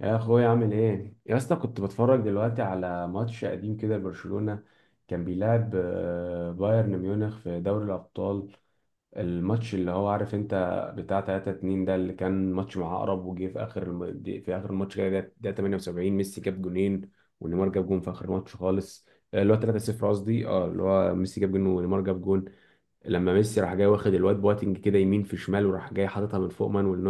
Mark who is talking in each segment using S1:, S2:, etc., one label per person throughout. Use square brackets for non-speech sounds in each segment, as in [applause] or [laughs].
S1: يا اخويا، عامل ايه يا اسطى؟ كنت بتفرج دلوقتي على ماتش قديم كده لبرشلونة، كان بيلعب بايرن ميونخ في دوري الابطال. الماتش اللي هو عارف انت، بتاع 3-2 ده، اللي كان ماتش مع عقرب وجه في اخر في اخر الماتش كده، ده 78 ميسي جاب جونين، ونيمار جاب جون في اخر الماتش خالص. اللي هو 3-0 قصدي، اللي هو ميسي جاب جون ونيمار جاب جون. لما ميسي راح جاي واخد الواد بواتنج كده يمين في شمال، وراح جاي حاططها من فوق مانويل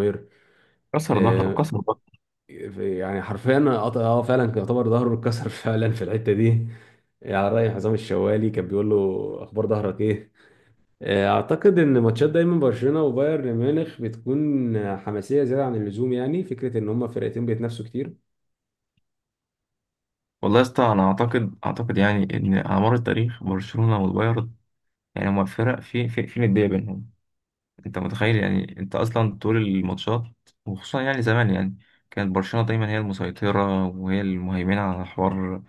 S2: كسر ظهره،
S1: نوير.
S2: كسر ظهره.
S1: يعني حرفيا فعلا كان يعتبر ظهره اتكسر [laughs] فعلا في الحته دي. يعني الرايح عصام الشوالي كان بيقول له: اخبار ظهرك ايه؟ اعتقد ان ماتشات دايما برشلونه وبايرن ميونخ بتكون حماسيه زياده عن اللزوم، يعني فكره ان هما فرقتين بيتنافسوا كتير.
S2: والله يا اسطى، انا اعتقد يعني ان على مر التاريخ برشلونه والبايرن، يعني هما فرق في نديه بينهم. انت متخيل يعني؟ انت اصلا طول الماتشات، وخصوصا يعني زمان، يعني كانت برشلونه دايما هي المسيطره وهي المهيمنه على حوار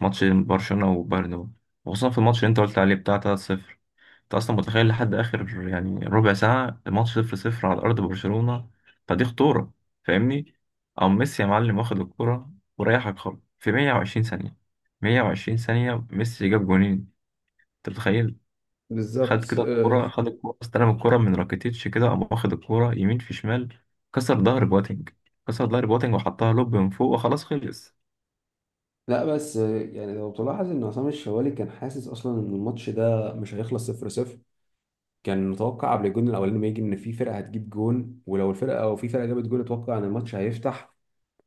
S2: ماتش برشلونه وبايرن ده. وخصوصا في الماتش اللي انت قلت عليه بتاع 3-0، انت اصلا متخيل لحد اخر يعني ربع ساعه الماتش صفر صفر على ارض برشلونه؟ فدي خطوره، فاهمني. او ميسي يا معلم واخد الكره وريحك خالص في 120 ثانيه. 120 ثانيه ميسي جاب جونين، انت متخيل؟ خد
S1: بالظبط.
S2: كده الكره، خد الكره، استلم الكره من راكيتيتش كده، قام واخد الكره يمين في شمال، كسر ظهر بواتينج، كسر ظهر بواتينج، وحطها لوب من فوق وخلاص خلص.
S1: لا بس يعني لو تلاحظ ان عصام الشوالي كان حاسس اصلا ان الماتش ده مش هيخلص 0-0، كان متوقع قبل الجون الاولاني ما يجي ان في فرقه هتجيب جون، ولو الفرقه او في فرقه جابت جون اتوقع ان الماتش هيفتح.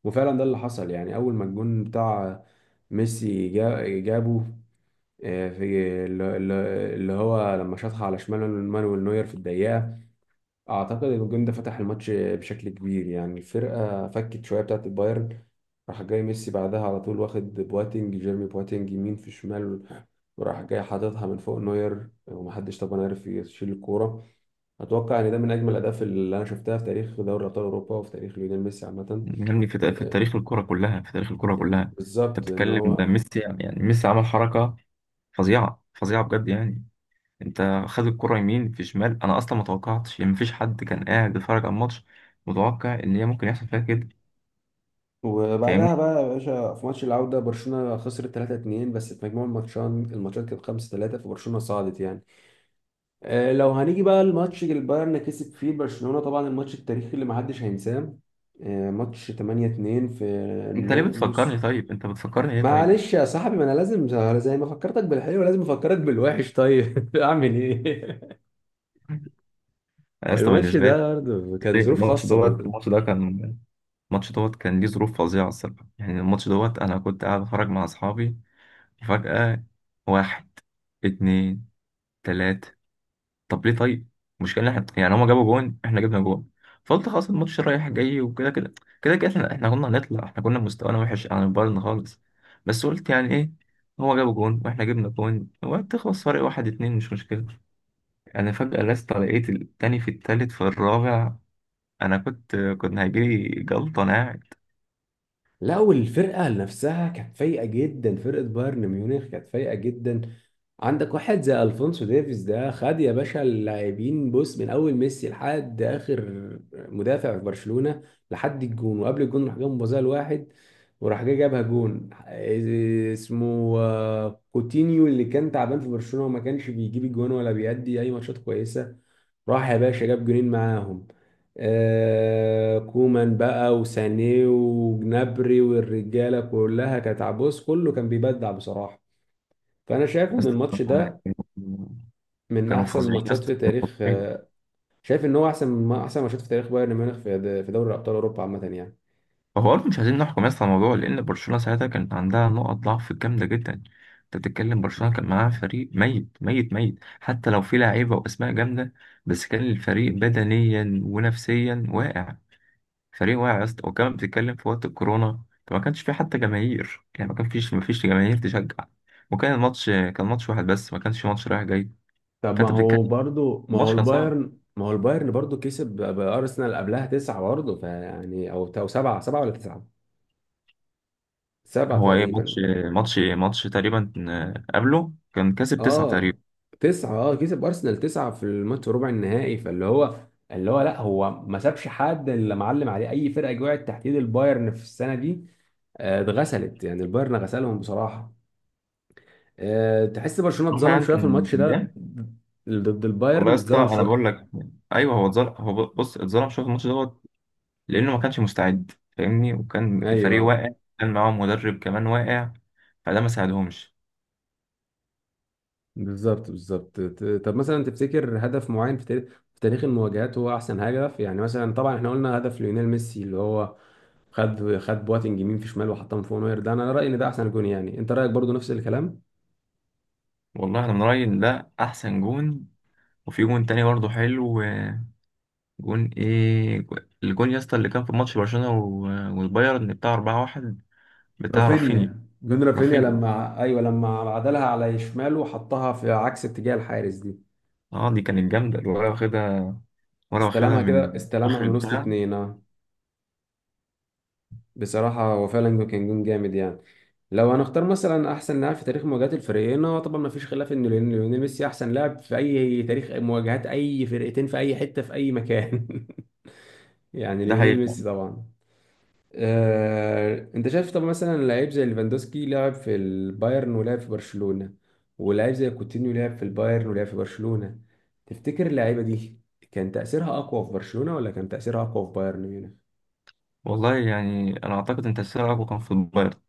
S1: وفعلا ده اللي حصل، يعني اول ما الجون بتاع ميسي جابه، في اللي هو لما شاطها على شمال مانويل نوير في الدقيقة، اعتقد ان الجون ده فتح الماتش بشكل كبير. يعني الفرقة فكت شوية بتاعت البايرن، راح جاي ميسي بعدها على طول واخد بواتينج جيرمي بواتينج يمين في شمال، وراح جاي حاططها من فوق نوير، ومحدش طبعا عارف يشيل الكورة. اتوقع ان ده من اجمل الاهداف اللي انا شفتها في تاريخ دوري ابطال اوروبا، وفي تاريخ ليونيل ميسي عامة.
S2: يعني في في
S1: آه،
S2: تاريخ الكره كلها، في تاريخ الكره كلها. انت
S1: بالظبط ان
S2: بتتكلم ده
S1: هو.
S2: ميسي، يعني يعني ميسي عمل حركه فظيعة، فظيعة بجد يعني. انت خد الكرة يمين في شمال، انا اصلا ما توقعتش يعني، مفيش حد كان قاعد بيتفرج على الماتش متوقع ان هي ممكن يحصل فيها كده،
S1: وبعدها
S2: فاهمني؟
S1: بقى يا باشا، في ماتش العودة برشلونة خسرت 3-2، بس في مجموع الماتشان الماتشات كانت 5-3، فبرشلونة صعدت يعني. لو هنيجي بقى الماتش اللي البايرن كسب فيه برشلونة، طبعا الماتش التاريخي اللي محدش هينساه، ماتش 8-2، في
S2: انت
S1: ن-
S2: ليه بتفكرني
S1: نص،
S2: طيب؟ انت بتفكرني ليه طيب؟
S1: معلش يا صاحبي ما انا لازم، زي ما فكرتك بالحلو لازم افكرك بالوحش، طيب [laughs] اعمل ايه؟ [laughs]
S2: انا اصلا
S1: الماتش
S2: بالنسبة لي،
S1: ده برضه كان ظروف
S2: الماتش
S1: خاصة
S2: دوت
S1: برضه.
S2: الماتش ده كان الماتش دوت كان ليه ظروف فظيعة الصراحة. يعني الماتش دوت انا كنت قاعد بتفرج مع اصحابي، وفجأة واحد، اتنين، تلاتة. طب ليه طيب؟ المشكله ان احنا، يعني هما جابوا جون، احنا جبنا جون، فقلت خلاص الماتش رايح جاي وكده كده. كده كده احنا كنا هنطلع، احنا كنا مستوانا وحش عن البايرن خالص. بس قلت يعني ايه، هو جابوا جون واحنا جبنا جون، وهتخلص فرق واحد اتنين، مش مشكله. انا فجاه لست لقيت التاني، في التالت، في الرابع. انا كنت هيجيلي جلطه انا قاعد.
S1: لا، والفرقة نفسها كانت فايقة جدا، فرقة بايرن ميونخ كانت فايقة جدا. عندك واحد زي الفونسو ديفيز ده، خد يا باشا اللاعبين بص: من اول ميسي لحد اخر مدافع في برشلونه، لحد الجون، وقبل الجون راح جاب مبازاه لواحد، وراح جاي جابها جون، إيه اسمه؟ كوتينيو، اللي كان تعبان في برشلونه وما كانش بيجيب الجون ولا بيأدي اي ماتشات كويسه، راح يا باشا جاب جونين معاهم. كومان بقى وسانيه وجنابري والرجاله كلها كانت عبوس، كله كان بيبدع بصراحه. فانا شايف ان
S2: بس
S1: الماتش ده من
S2: كانوا
S1: احسن
S2: فظيعين يا
S1: الماتشات
S2: اسطى،
S1: في
S2: كانوا
S1: تاريخ،
S2: فظيعين.
S1: شايف ان هو احسن ما احسن ماتشات في تاريخ بايرن ميونخ في دوري ابطال اوروبا عامه يعني.
S2: هو برضه مش عايزين نحكم يس على الموضوع، لأن برشلونة ساعتها كانت عندها نقط ضعف جامدة جدا. أنت بتتكلم برشلونة كان معاها فريق ميت ميت ميت، حتى لو في لعيبة وأسماء جامدة، بس كان الفريق بدنيا ونفسيا واقع، فريق واقع يا اسطى. وكمان بتتكلم في وقت الكورونا، فما كانش في حتى جماهير، يعني ما كان فيش، ما فيش جماهير تشجع. وكان الماتش كان ماتش واحد بس، ما كانش ماتش رايح جاي.
S1: طب، ما
S2: فأنت
S1: هو
S2: بتتكلم،
S1: برضو، ما هو
S2: الماتش كان صعب.
S1: البايرن ما هو البايرن برضو كسب بارسنال قبلها تسعة برضه، فيعني او سبعة، سبعة ولا تسعة؟ سبعة
S2: هو ايه ماتش؟
S1: تقريبا.
S2: ماتش تقريبا، قبله كان كسب تسعة
S1: اه،
S2: تقريبا.
S1: تسعة. اه كسب ارسنال تسعة في الماتش في ربع النهائي، فاللي هو لا، هو ما سابش حد. اللي معلم عليه، اي فرقة وقعت تحت ايد البايرن في السنة دي اتغسلت يعني، البايرن غسلهم بصراحة. تحس برشلونة
S2: روحه
S1: اتظلم
S2: يعني
S1: شوية في
S2: كان
S1: الماتش
S2: كان
S1: ده
S2: جامد.
S1: ضد
S2: والله
S1: البايرن،
S2: يا اسطى
S1: اتظلم
S2: انا
S1: شوية.
S2: بقول لك، ايوه هو اتظلم. هو بص، اتظلم شويه في الماتش دوت، لانه ما كانش مستعد، فاهمني، وكان الفريق
S1: ايوه.
S2: واقع. كان معاهم مدرب كمان واقع، فده ما ساعدهمش.
S1: بالظبط، بالظبط، طب مثلا تفتكر هدف معين في تاريخ المواجهات هو احسن هدف؟ يعني مثلا طبعا احنا قلنا هدف ليونيل ميسي، اللي هو خد بواتنج يمين في شمال وحطهم فوق نوير، ده انا رأيي ان ده احسن جون، يعني انت رأيك برضو نفس الكلام.
S2: والله انا من رايي إن ده احسن جون. وفي جون تاني برضه حلو. جون ايه؟ الجون يا اسطى اللي كان في ماتش برشلونه والبايرن، بتاع 4-1، بتاع رافينيا.
S1: رافينيا، جون رافينيا
S2: رافينيا،
S1: لما ايوه، لما عدلها على شماله وحطها في عكس اتجاه الحارس دي.
S2: اه دي كانت جامده، ولا واخدها، ولا واخدها
S1: استلمها
S2: من
S1: كده،
S2: اخر
S1: استلمها من وسط
S2: البتاع.
S1: اتنين. بصراحة هو فعلا كان جون جامد يعني. لو هنختار مثلا أحسن لاعب في تاريخ مواجهات الفريقين، هو طبعا مفيش خلاف إن ليونيل ميسي أحسن لاعب في أي تاريخ مواجهات أي فرقتين في أي حتة في أي مكان. [laughs] يعني
S2: ده
S1: ليونيل
S2: حقيقي.
S1: ميسي طبعا. أنت شايف، طب مثلا لعيب زي ليفاندوسكي لعب في البايرن ولعب في برشلونة، ولاعب زي كوتينيو لعب في البايرن ولعب في برشلونة، تفتكر اللعيبة دي كان تأثيرها أقوى في برشلونة، ولا كان تأثيرها أقوى في بايرن ميونخ؟
S2: والله يعني انا اعتقد ان تاثير اقوى كان في البايرن،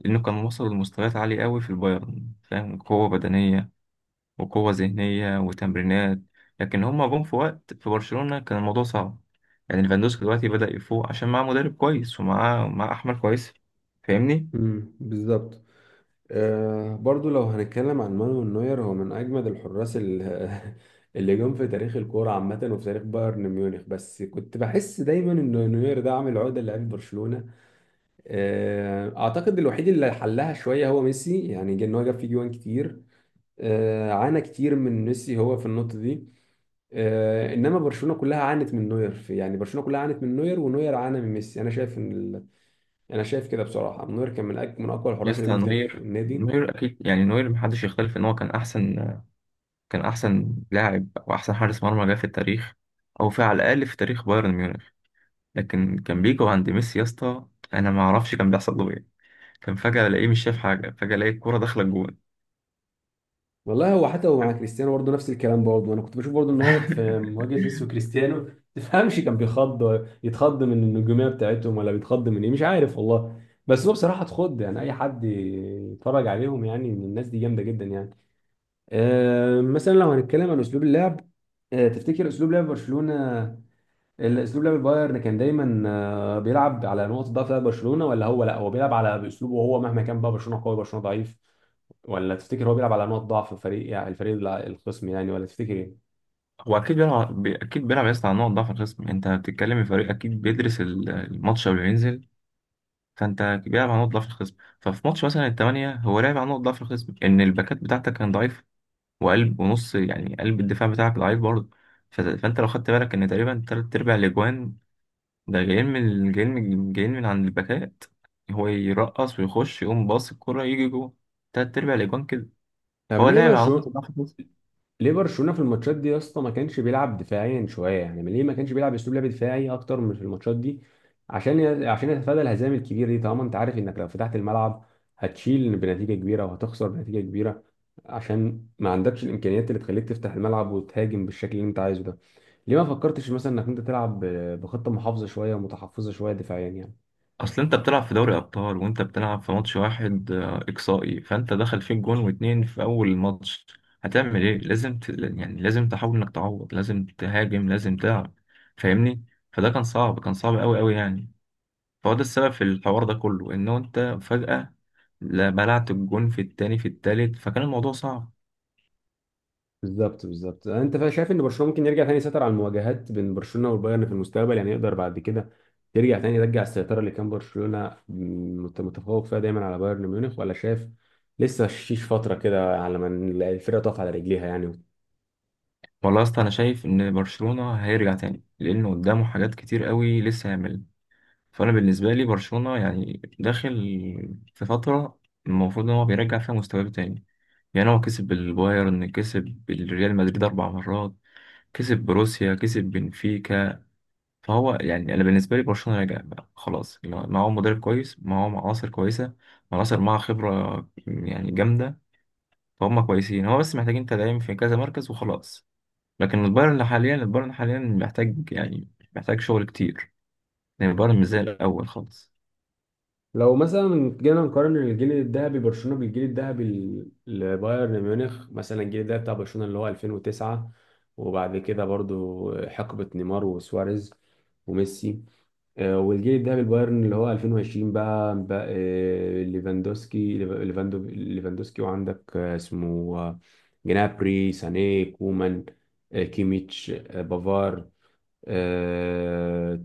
S2: لأنه كان وصل لمستويات عالية أوي في البايرن، فاهم، قوة بدنية وقوة ذهنية وتمرينات. لكن هما جم في وقت في برشلونة كان الموضوع صعب. يعني ليفاندوسكي دلوقتي بدأ يفوق عشان معاه مدرب كويس، ومعاه معاه أحمر كويس، فاهمني؟
S1: بالظبط. برضو لو هنتكلم عن مانويل نوير، هو من أجمد الحراس [laughs] اللي جم في تاريخ الكورة عامة وفي تاريخ بايرن ميونخ، بس كنت بحس دايما إن نوير ده عامل عقدة لعيب برشلونة. أعتقد الوحيد اللي حلها شوية هو ميسي، يعني إن هو جاب فيه جوان كتير. عانى كتير من ميسي هو في النقطة دي. إنما برشلونة كلها عانت من نوير في، يعني برشلونة كلها عانت من نوير، ونوير عانى من ميسي. أنا شايف كده بصراحة، نوير كان من من أقوى الحراس اللي
S2: يسطا،
S1: جم في تاريخ
S2: نوير
S1: النادي.
S2: نوير أكيد، يعني نوير محدش يختلف إن هو كان أحسن، كان أحسن لاعب أو أحسن حارس مرمى جه في التاريخ، أو في، على الأقل في تاريخ بايرن ميونخ. لكن كان بيجي عند ميسي يا اسطى، أنا ما أعرفش كان بيحصل له إيه. كان فجأة ألاقيه مش شايف حاجة، فجأة ألاقي الكورة داخلة الجون.
S1: والله هو حتى هو مع
S2: [laughs]
S1: كريستيانو برضه نفس الكلام برضه، انا كنت بشوف برضه ان هو في مواجهه ميسي وكريستيانو ما تفهمش، كان بيخض، يتخض من النجوميه بتاعتهم ولا بيتخض من ايه، مش عارف والله. بس هو بصراحه اتخض، يعني اي حد يتفرج عليهم يعني، ان الناس دي جامده جدا يعني. مثلا لو هنتكلم عن اسلوب اللعب، تفتكر اسلوب لعب برشلونه، الاسلوب لعب بايرن كان دايما بيلعب على نقطه ضعف بتاعت برشلونه، ولا هو، لا هو بيلعب على باسلوبه هو مهما كان بقى برشلونه قوي برشلونه ضعيف؟ ولا تفتكر هو بيلعب على نقط ضعف فريق يعني، الفريق الخصم يعني، ولا تفتكر ايه؟
S2: هو اكيد بيلعب بي- اكيد بيلعب يا اسطى على نقط ضعف الخصم. انت بتتكلم في فريق اكيد بيدرس الماتش قبل ما ينزل، فانت بيلعب على نقط ضعف الخصم. ففي ماتش مثلا الثمانية، هو لعب على نقط ضعف الخصم، ان الباكات بتاعتك كان ضعيف، وقلب ونص، يعني قلب الدفاع بتاعك ضعيف برضه. فانت لو خدت بالك ان تقريبا تلات ارباع الاجوان ده جايين من، عند الباكات. هو يرقص ويخش، يقوم باص الكرة يجي جوه، تلات ارباع الاجوان كده.
S1: طب،
S2: فهو لاعب على نقط ضعف.
S1: ليه برشلونه في الماتشات دي يا اسطى ما كانش بيلعب دفاعيا شويه؟ يعني ليه ما كانش بيلعب اسلوب لعب دفاعي اكتر من في الماتشات دي، عشان عشان يتفادى الهزائم الكبيره دي؟ طالما انت عارف انك لو فتحت الملعب هتشيل بنتيجه كبيره وهتخسر بنتيجه كبيره، عشان ما عندكش الامكانيات اللي تخليك تفتح الملعب وتهاجم بالشكل اللي انت عايزه ده، ليه ما فكرتش مثلا انك انت تلعب بخطه محافظه شويه ومتحفظه شويه دفاعيا يعني؟
S2: اصل انت بتلعب في دوري ابطال، وانت بتلعب في ماتش واحد اقصائي، فانت دخل فيك جون واتنين في اول ماتش، هتعمل ايه؟ لازم يعني لازم تحاول انك تعوض، لازم تهاجم، لازم تلعب، فاهمني. فده كان صعب، كان صعب قوي قوي يعني. فهو ده السبب في الحوار ده كله، ان انت فجأة لا، بلعت الجون في التاني، في التالت، فكان الموضوع صعب.
S1: بالظبط، بالظبط، انت شايف ان برشلونه ممكن يرجع تاني يسيطر على المواجهات بين برشلونه والبايرن في المستقبل يعني؟ يقدر بعد كده يرجع تاني، يرجع السيطره اللي كان برشلونه متفوق فيها دايما على بايرن ميونخ، ولا شايف لسه شيش فتره كده على ما الفرقه تقف على رجليها يعني؟
S2: والله يا اسطى انا شايف ان برشلونة هيرجع تاني، لانه قدامه حاجات كتير قوي لسه يعملها. فانا بالنسبه لي برشلونه يعني داخل في فتره المفروض ان هو بيرجع فيها مستواه تاني. يعني هو كسب البايرن، كسب الريال مدريد 4 مرات، كسب بروسيا، كسب بنفيكا. فهو يعني انا بالنسبه لي برشلونه راجع بقى خلاص، اللي هو معاهم مدرب كويس، معاهم عناصر كويسه، عناصر معاها خبره يعني جامده. فهم كويسين، هو بس محتاجين تدعيم في كذا مركز وخلاص. لكن البايرن حاليا، البايرن حاليا محتاج يعني، محتاج شغل كتير. يعني البايرن مش زي الاول خالص.
S1: لو مثلا جينا نقارن الجيل الذهبي برشلونه بالجيل الذهبي لبايرن ميونخ مثلا، الجيل الذهبي بتاع برشلونه اللي هو 2009، وبعد كده برضو حقبه نيمار وسواريز وميسي، والجيل الذهبي البايرن اللي هو 2020 بقى، ليفاندوسكي، ليفاندوسكي، وعندك اسمه جنابري ساني كومان، كيميتش، بافار، آه،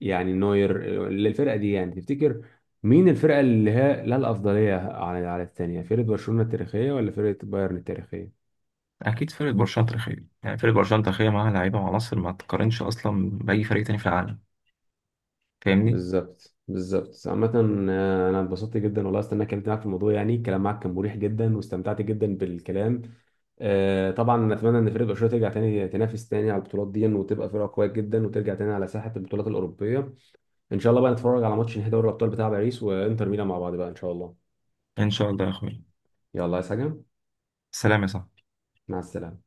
S1: يعني نوير للفرقة دي يعني، تفتكر مين الفرقة اللي هي لها الأفضلية على الثانية؟ فرقة برشلونة التاريخية ولا فرقة بايرن التاريخية؟
S2: اكيد فرقه برشلونه تاريخيه، يعني فرقه برشلونه تاريخيه معاها لعيبه وعناصر ما تقارنش اصلا باي فريق تاني في العالم، فاهمني.
S1: بالظبط، بالظبط، عامة. أنا اتبسطت جدا والله، استنى، اتكلمت معاك في الموضوع، يعني الكلام معاك كان مريح جدا واستمتعت جدا بالكلام. طبعا أتمنى إن فريق برشلونة ترجع تاني تنافس تاني على البطولات دي وتبقى فرقة قوية جدا وترجع تاني على ساحة البطولات الأوروبية. إن شاء الله بقى نتفرج على ماتش نهائي دوري الأبطال بتاع باريس وإنتر ميلان مع بعض بقى، إن شاء الله.
S2: ان شاء الله يا اخويا،
S1: يلا، عايز حاجة؟
S2: سلام يا صاحبي.
S1: مع السلامة.